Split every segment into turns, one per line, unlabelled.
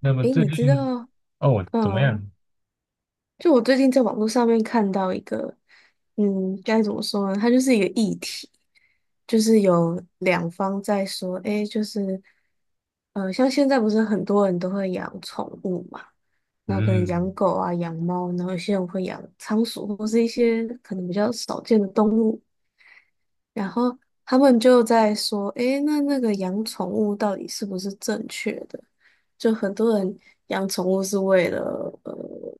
那么
诶，
最
你知
近
道，
哦怎么
嗯，
样？
就我最近在网络上面看到一个，嗯，该怎么说呢？它就是一个议题，就是有两方在说，诶，就是，像现在不是很多人都会养宠物嘛，然后可能养
嗯，
狗啊、养猫，然后有些人会养仓鼠或是一些可能比较少见的动物。然后他们就在说，诶，那那个养宠物到底是不是正确的？就很多人养宠物是为了呃，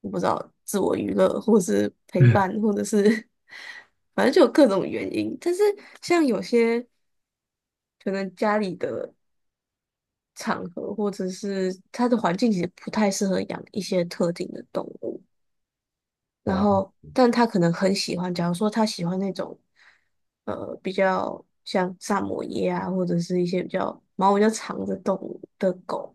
我不知道自我娱乐，或是陪伴，或者是 反正就有各种原因。但是像有些可能家里的场合，或者是它的环境其实不太适合养一些特定的动物。然
哦
后，但他可能很喜欢，假如说他喜欢那种，比较像萨摩耶啊，或者是一些比较毛比较长的动物的狗，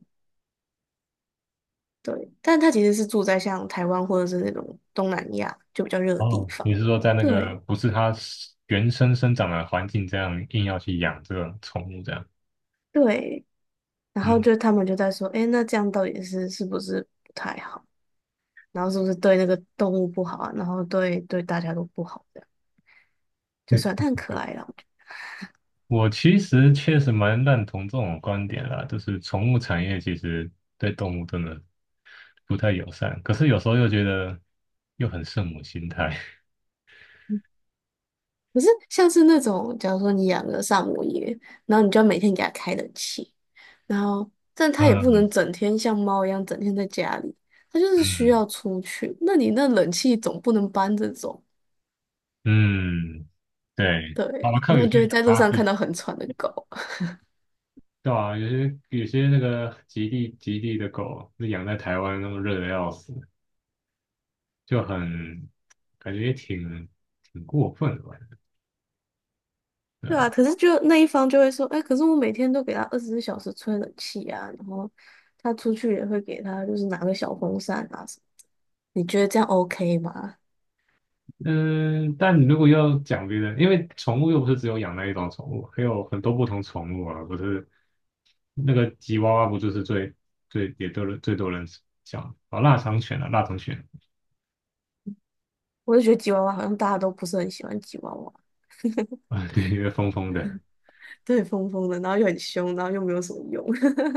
对。但他其实是住在像台湾或者是那种东南亚就比较热的地
哦，你
方，
是说在那个
对
不是它是原生生长的环境这样硬要去养这个宠物这样？
对。然
嗯，
后就他们就在说，诶，那这样到底是不是不太好？然后是不是对那个动物不好啊？然后对大家都不好，这样就
对
算它很可
对，
爱啦。
我其实确实蛮认同这种观点啦，就是宠物产业其实对动物真的不太友善，可是有时候又觉得又很圣母心态。
可是像是那种，假如说你养个萨摩耶，然后你就要每天给它开冷气，然后但它也不
嗯
能整天像猫一样整天在家里，它就是需
嗯
要出去。那你那冷气总不能搬着走，
嗯，对，
对，
好了，看
那
有
你
些
就
人
会
养
在路
哈
上
士
看到
奇。
很喘的狗，
对啊，有些那个极地的狗，那养在台湾那么热的要死，就很感觉也挺过分的吧？对
对啊，
啊，
可是就那一方就会说，哎，可是我每天都给它24小时吹冷气啊，然后它出去也会给它就是拿个小风扇啊什么，你觉得这样 OK 吗？
嗯，但你如果要讲别的，因为宠物又不是只有养那一种宠物，还有很多不同宠物啊，不是那个吉娃娃不就是最也都是最多人讲哦，腊肠犬啊，腊肠犬
我就觉得吉娃娃好像大家都不是很喜欢吉娃娃。
啊，对，因为疯疯的，
对，疯疯的，然后又很凶，然后又没有什么用。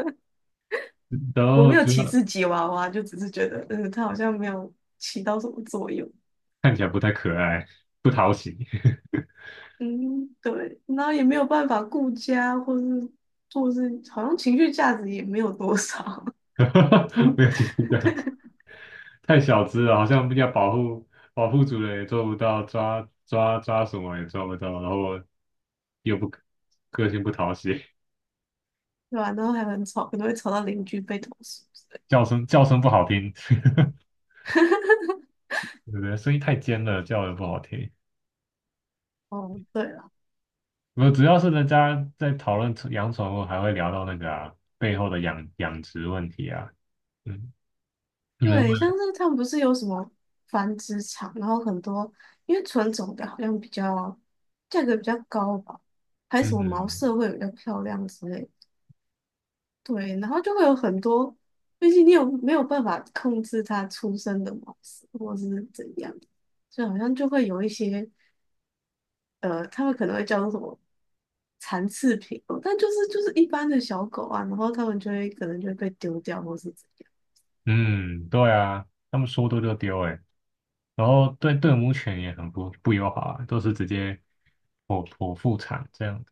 然
我
后
没有
主
歧
要
视吉娃娃，就只是觉得，嗯，它好像没有起到什么作用。
看起来不太可爱，不讨喜，
嗯，对，然后也没有办法顾家，或是好像情绪价值也没有多少，
没有其他的。太小只了，好像要保护主人也做不到，抓抓抓什么也抓不到，然后又不个性不讨喜，
对吧、然后还很吵，可能会吵到邻居被投诉之类的
叫声不好听，对不对？声音太尖了，叫的不好听。
哦，对了，
我主要是人家在讨论宠养宠物，还会聊到那个啊背后的养殖问题啊。嗯，你们
对，像
问，
是他们不是有什么繁殖场，然后很多因为纯种的好像比较价格比较高吧，还有什么毛
嗯
色会比较漂亮之类的对，然后就会有很多，毕竟你有没有办法控制它出生的模式，或是怎样，所以好像就会有一些他们可能会叫做什么残次品哦，但就是一般的小狗啊，然后他们可能就会被丢掉或是怎样。
嗯，对啊，他们说丢就丢哎、欸然后对对母犬也很不友好啊，都是直接剖腹产这样。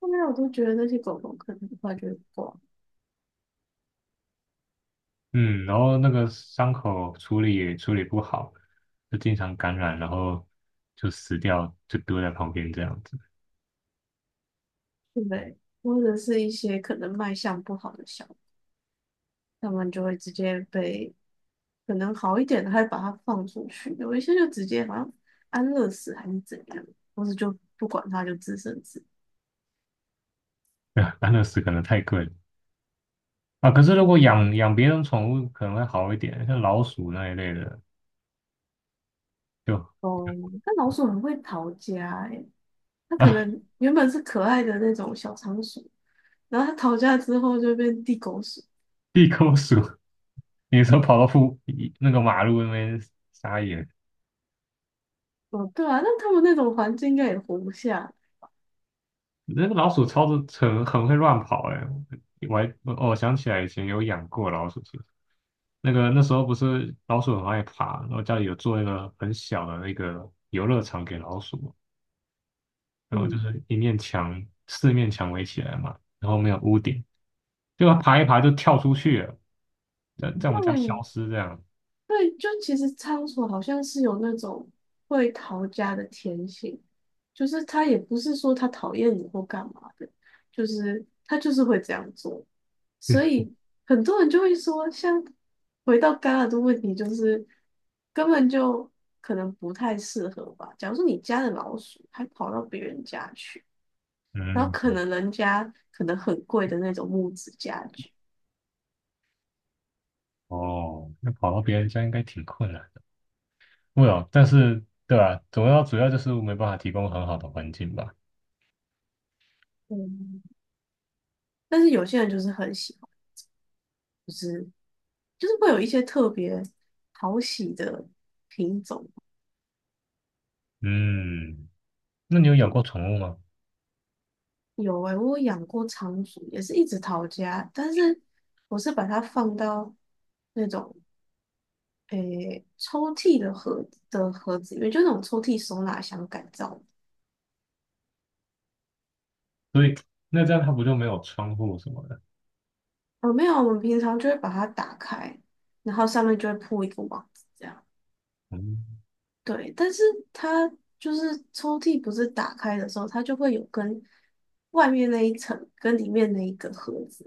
后面我都觉得那些狗狗可能很快就会挂，
嗯，然后那个伤口处理也处理不好，就经常感染，然后就死掉，就丢在旁边这样子。
对不对？或者是一些可能卖相不好的小狗，他们就会直接被可能好一点的，还把它放出去；有一些就直接好像安乐死还是怎样，或是就不管它，就自生自
安乐死可能太贵了啊。可是如
灭。
果
嗯
养别人宠物可能会好一点，像老鼠那一类的，就
哦，那老鼠很会逃家诶，它 可
啊
能原本是可爱的那种小仓鼠，然后它逃家之后就变地狗鼠。
地沟鼠，有时候跑到那个马路那边撒野。
哦，对啊，那它们那种环境应该也活不下。
那个老鼠超的很会乱跑哎、我还哦，我想起来以前有养过老鼠，是，那个那时候不是老鼠很爱爬，然后家里有做一个很小的那个游乐场给老鼠嘛然后就
嗯，
是一面墙四面墙围起来嘛，然后没有屋顶，就它爬一爬就跳出去了，在我们家消
对，
失这样。
对，就其实仓鼠好像是有那种会逃家的天性，就是它也不是说它讨厌你或干嘛的，就是它就是会这样做，所以很多人就会说，像回到刚刚的问题，就是根本就可能不太适合吧。假如说你家的老鼠还跑到别人家去，然后可
嗯，
能人家可能很贵的那种木质家具，
哦，那跑到别人家应该挺困难的。会哦，但是对吧？主要就是没办法提供很好的环境吧。
嗯，但是有些人就是很喜欢。就是。就是会有一些特别讨喜的品种。
嗯，那你有养
对，
过宠物吗？
有诶、我有养过仓鼠，也是一直逃家，但是我是把它放到那种诶、抽屉的盒的盒子里面，就那种抽屉收纳箱改造的。
所以那这样它不就没有窗户什么的？
哦，没有，我们平常就会把它打开，然后上面就会铺一个网子。这样。
嗯，
对，但是它就是抽屉不是打开的时候，它就会有跟外面那一层跟里面那一个盒子，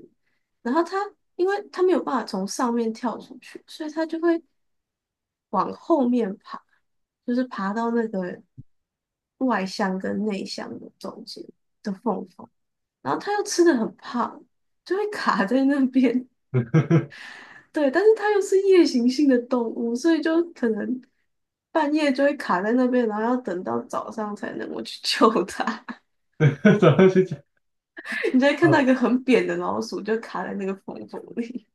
然后它因为它没有办法从上面跳出去，所以它就会往后面爬，就是爬到那个外箱跟内箱的中间的缝缝，然后它又吃的很胖，就会卡在那边，对，但是它又是夜行性的动物，所以就可能半夜就会卡在那边，然后要等到早上才能够去 救它。
怎么去讲？
你就会看到
哦，
一个很扁的老鼠，就卡在那个缝缝里。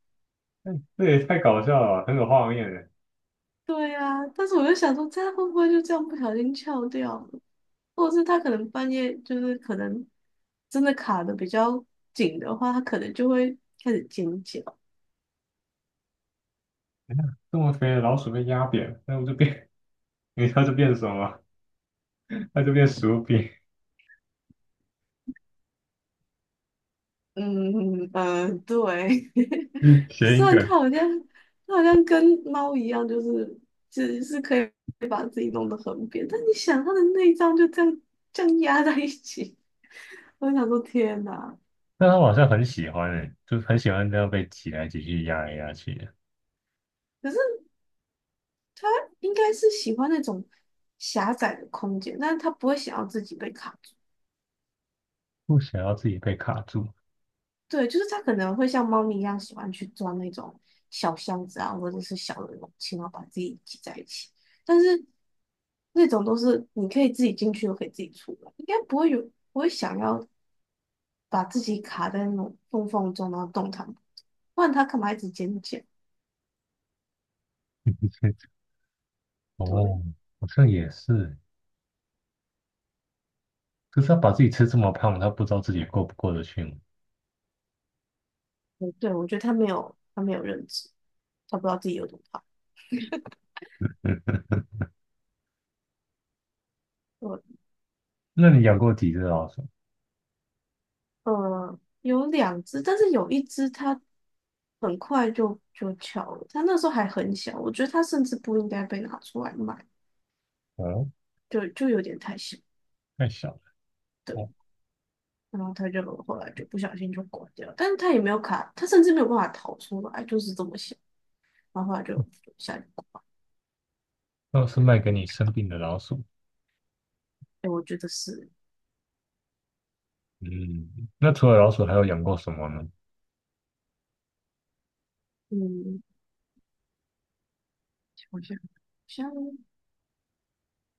这也太搞笑了吧，很有画面耶。
对呀、但是我就想说，它会不会就这样不小心翘掉了？或者是它可能半夜就是可能真的卡的比较紧的话，它可能就会开始尖叫。
这么肥的老鼠被压扁，那不就变？你知道就变什么？它就变薯饼，
嗯嗯，对，
谐
虽
音
然它
梗。
好像它好像跟猫一样，就是只是可以把自己弄得很扁，但你想它的内脏就这样压在一起，我就想说天哪！
但它好像很喜欢诶，就是很喜欢这样被挤来挤去、压来压去的，
可是应该是喜欢那种狭窄的空间，但是它不会想要自己被卡住。
不想要自己被卡住。
对，就是它可能会像猫咪一样喜欢去钻那种小箱子啊，或者是小的容器，然后把自己挤在一起。但是那种都是你可以自己进去，又可以自己出来，应该不会有不会想要把自己卡在那种缝缝中，然后动弹不得不然它干嘛一直捡捡？对，
哦，好像也是，可是它把自己吃这么胖，它不知道自己过不过得去吗？
嗯对，我觉得它没有认知，它不知道自己有多胖。对
那你养过几只老鼠？
有两只，但是有一只它很快就翘了，它那时候还很小，我觉得它甚至不应该被拿出来卖，
哦，
就有点太小，
太小了。
对，
哦。
然后它就后来就不小心就挂掉了，但是它也没有卡，它甚至没有办法逃出来，就是这么小，然后后来就下去挂，
那是卖给你生病的老鼠。
哎，我觉得是，
嗯，那除了老鼠，还有养过什么呢？
嗯，我想好像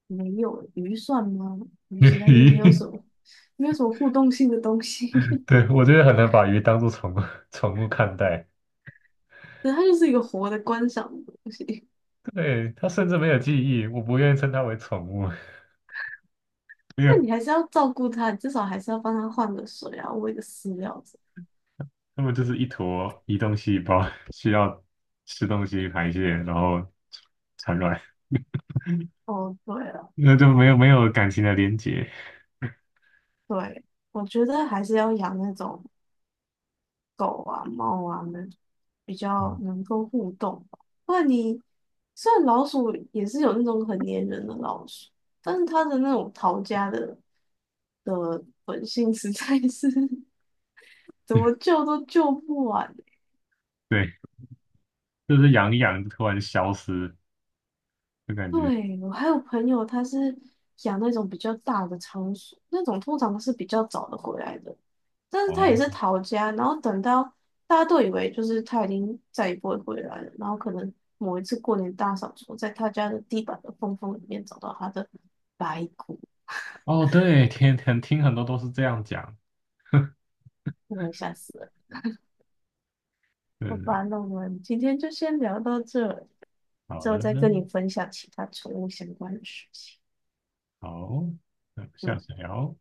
没有鱼算吗？鱼是，但是没有
鱼，
什么没有什么互动性的东西，
对，我觉得很难把鱼当做宠物看待。
对，它就是一个活的观赏的东西。
对，它甚至没有记忆，我不愿意称它为宠物，没
那
有，
你还是要照顾它，你至少还是要帮它换个水啊，喂个饲料之类的
它们就是一坨移动细胞，需要吃东西排泄，然后产卵，
哦，对了，
那就没有感情的连接。
对，我觉得还是要养那种狗啊、猫啊，那种比较
嗯，
能够互动吧。不然你虽然老鼠也是有那种很粘人的老鼠，但是它的那种逃家的的本性实在是 怎么 救都救不完
对，就是养一养就突然消失，就感觉
对，我还有朋友，他是养那种比较大的仓鼠，那种通常是比较早的回来的，但是他也
哦
是逃家，然后等到大家都以为就是他已经再也不会回来了，然后可能某一次过年大扫除，在他家的地板的缝缝里面找到他的白骨，
哦，对，天天听很多都是这样讲。
我也吓死了。好吧，
对。
那我们今天就先聊到这，
好
之后
的，
再
那
跟你分享其他宠物相关的事情。
好，那下
嗯。
次聊。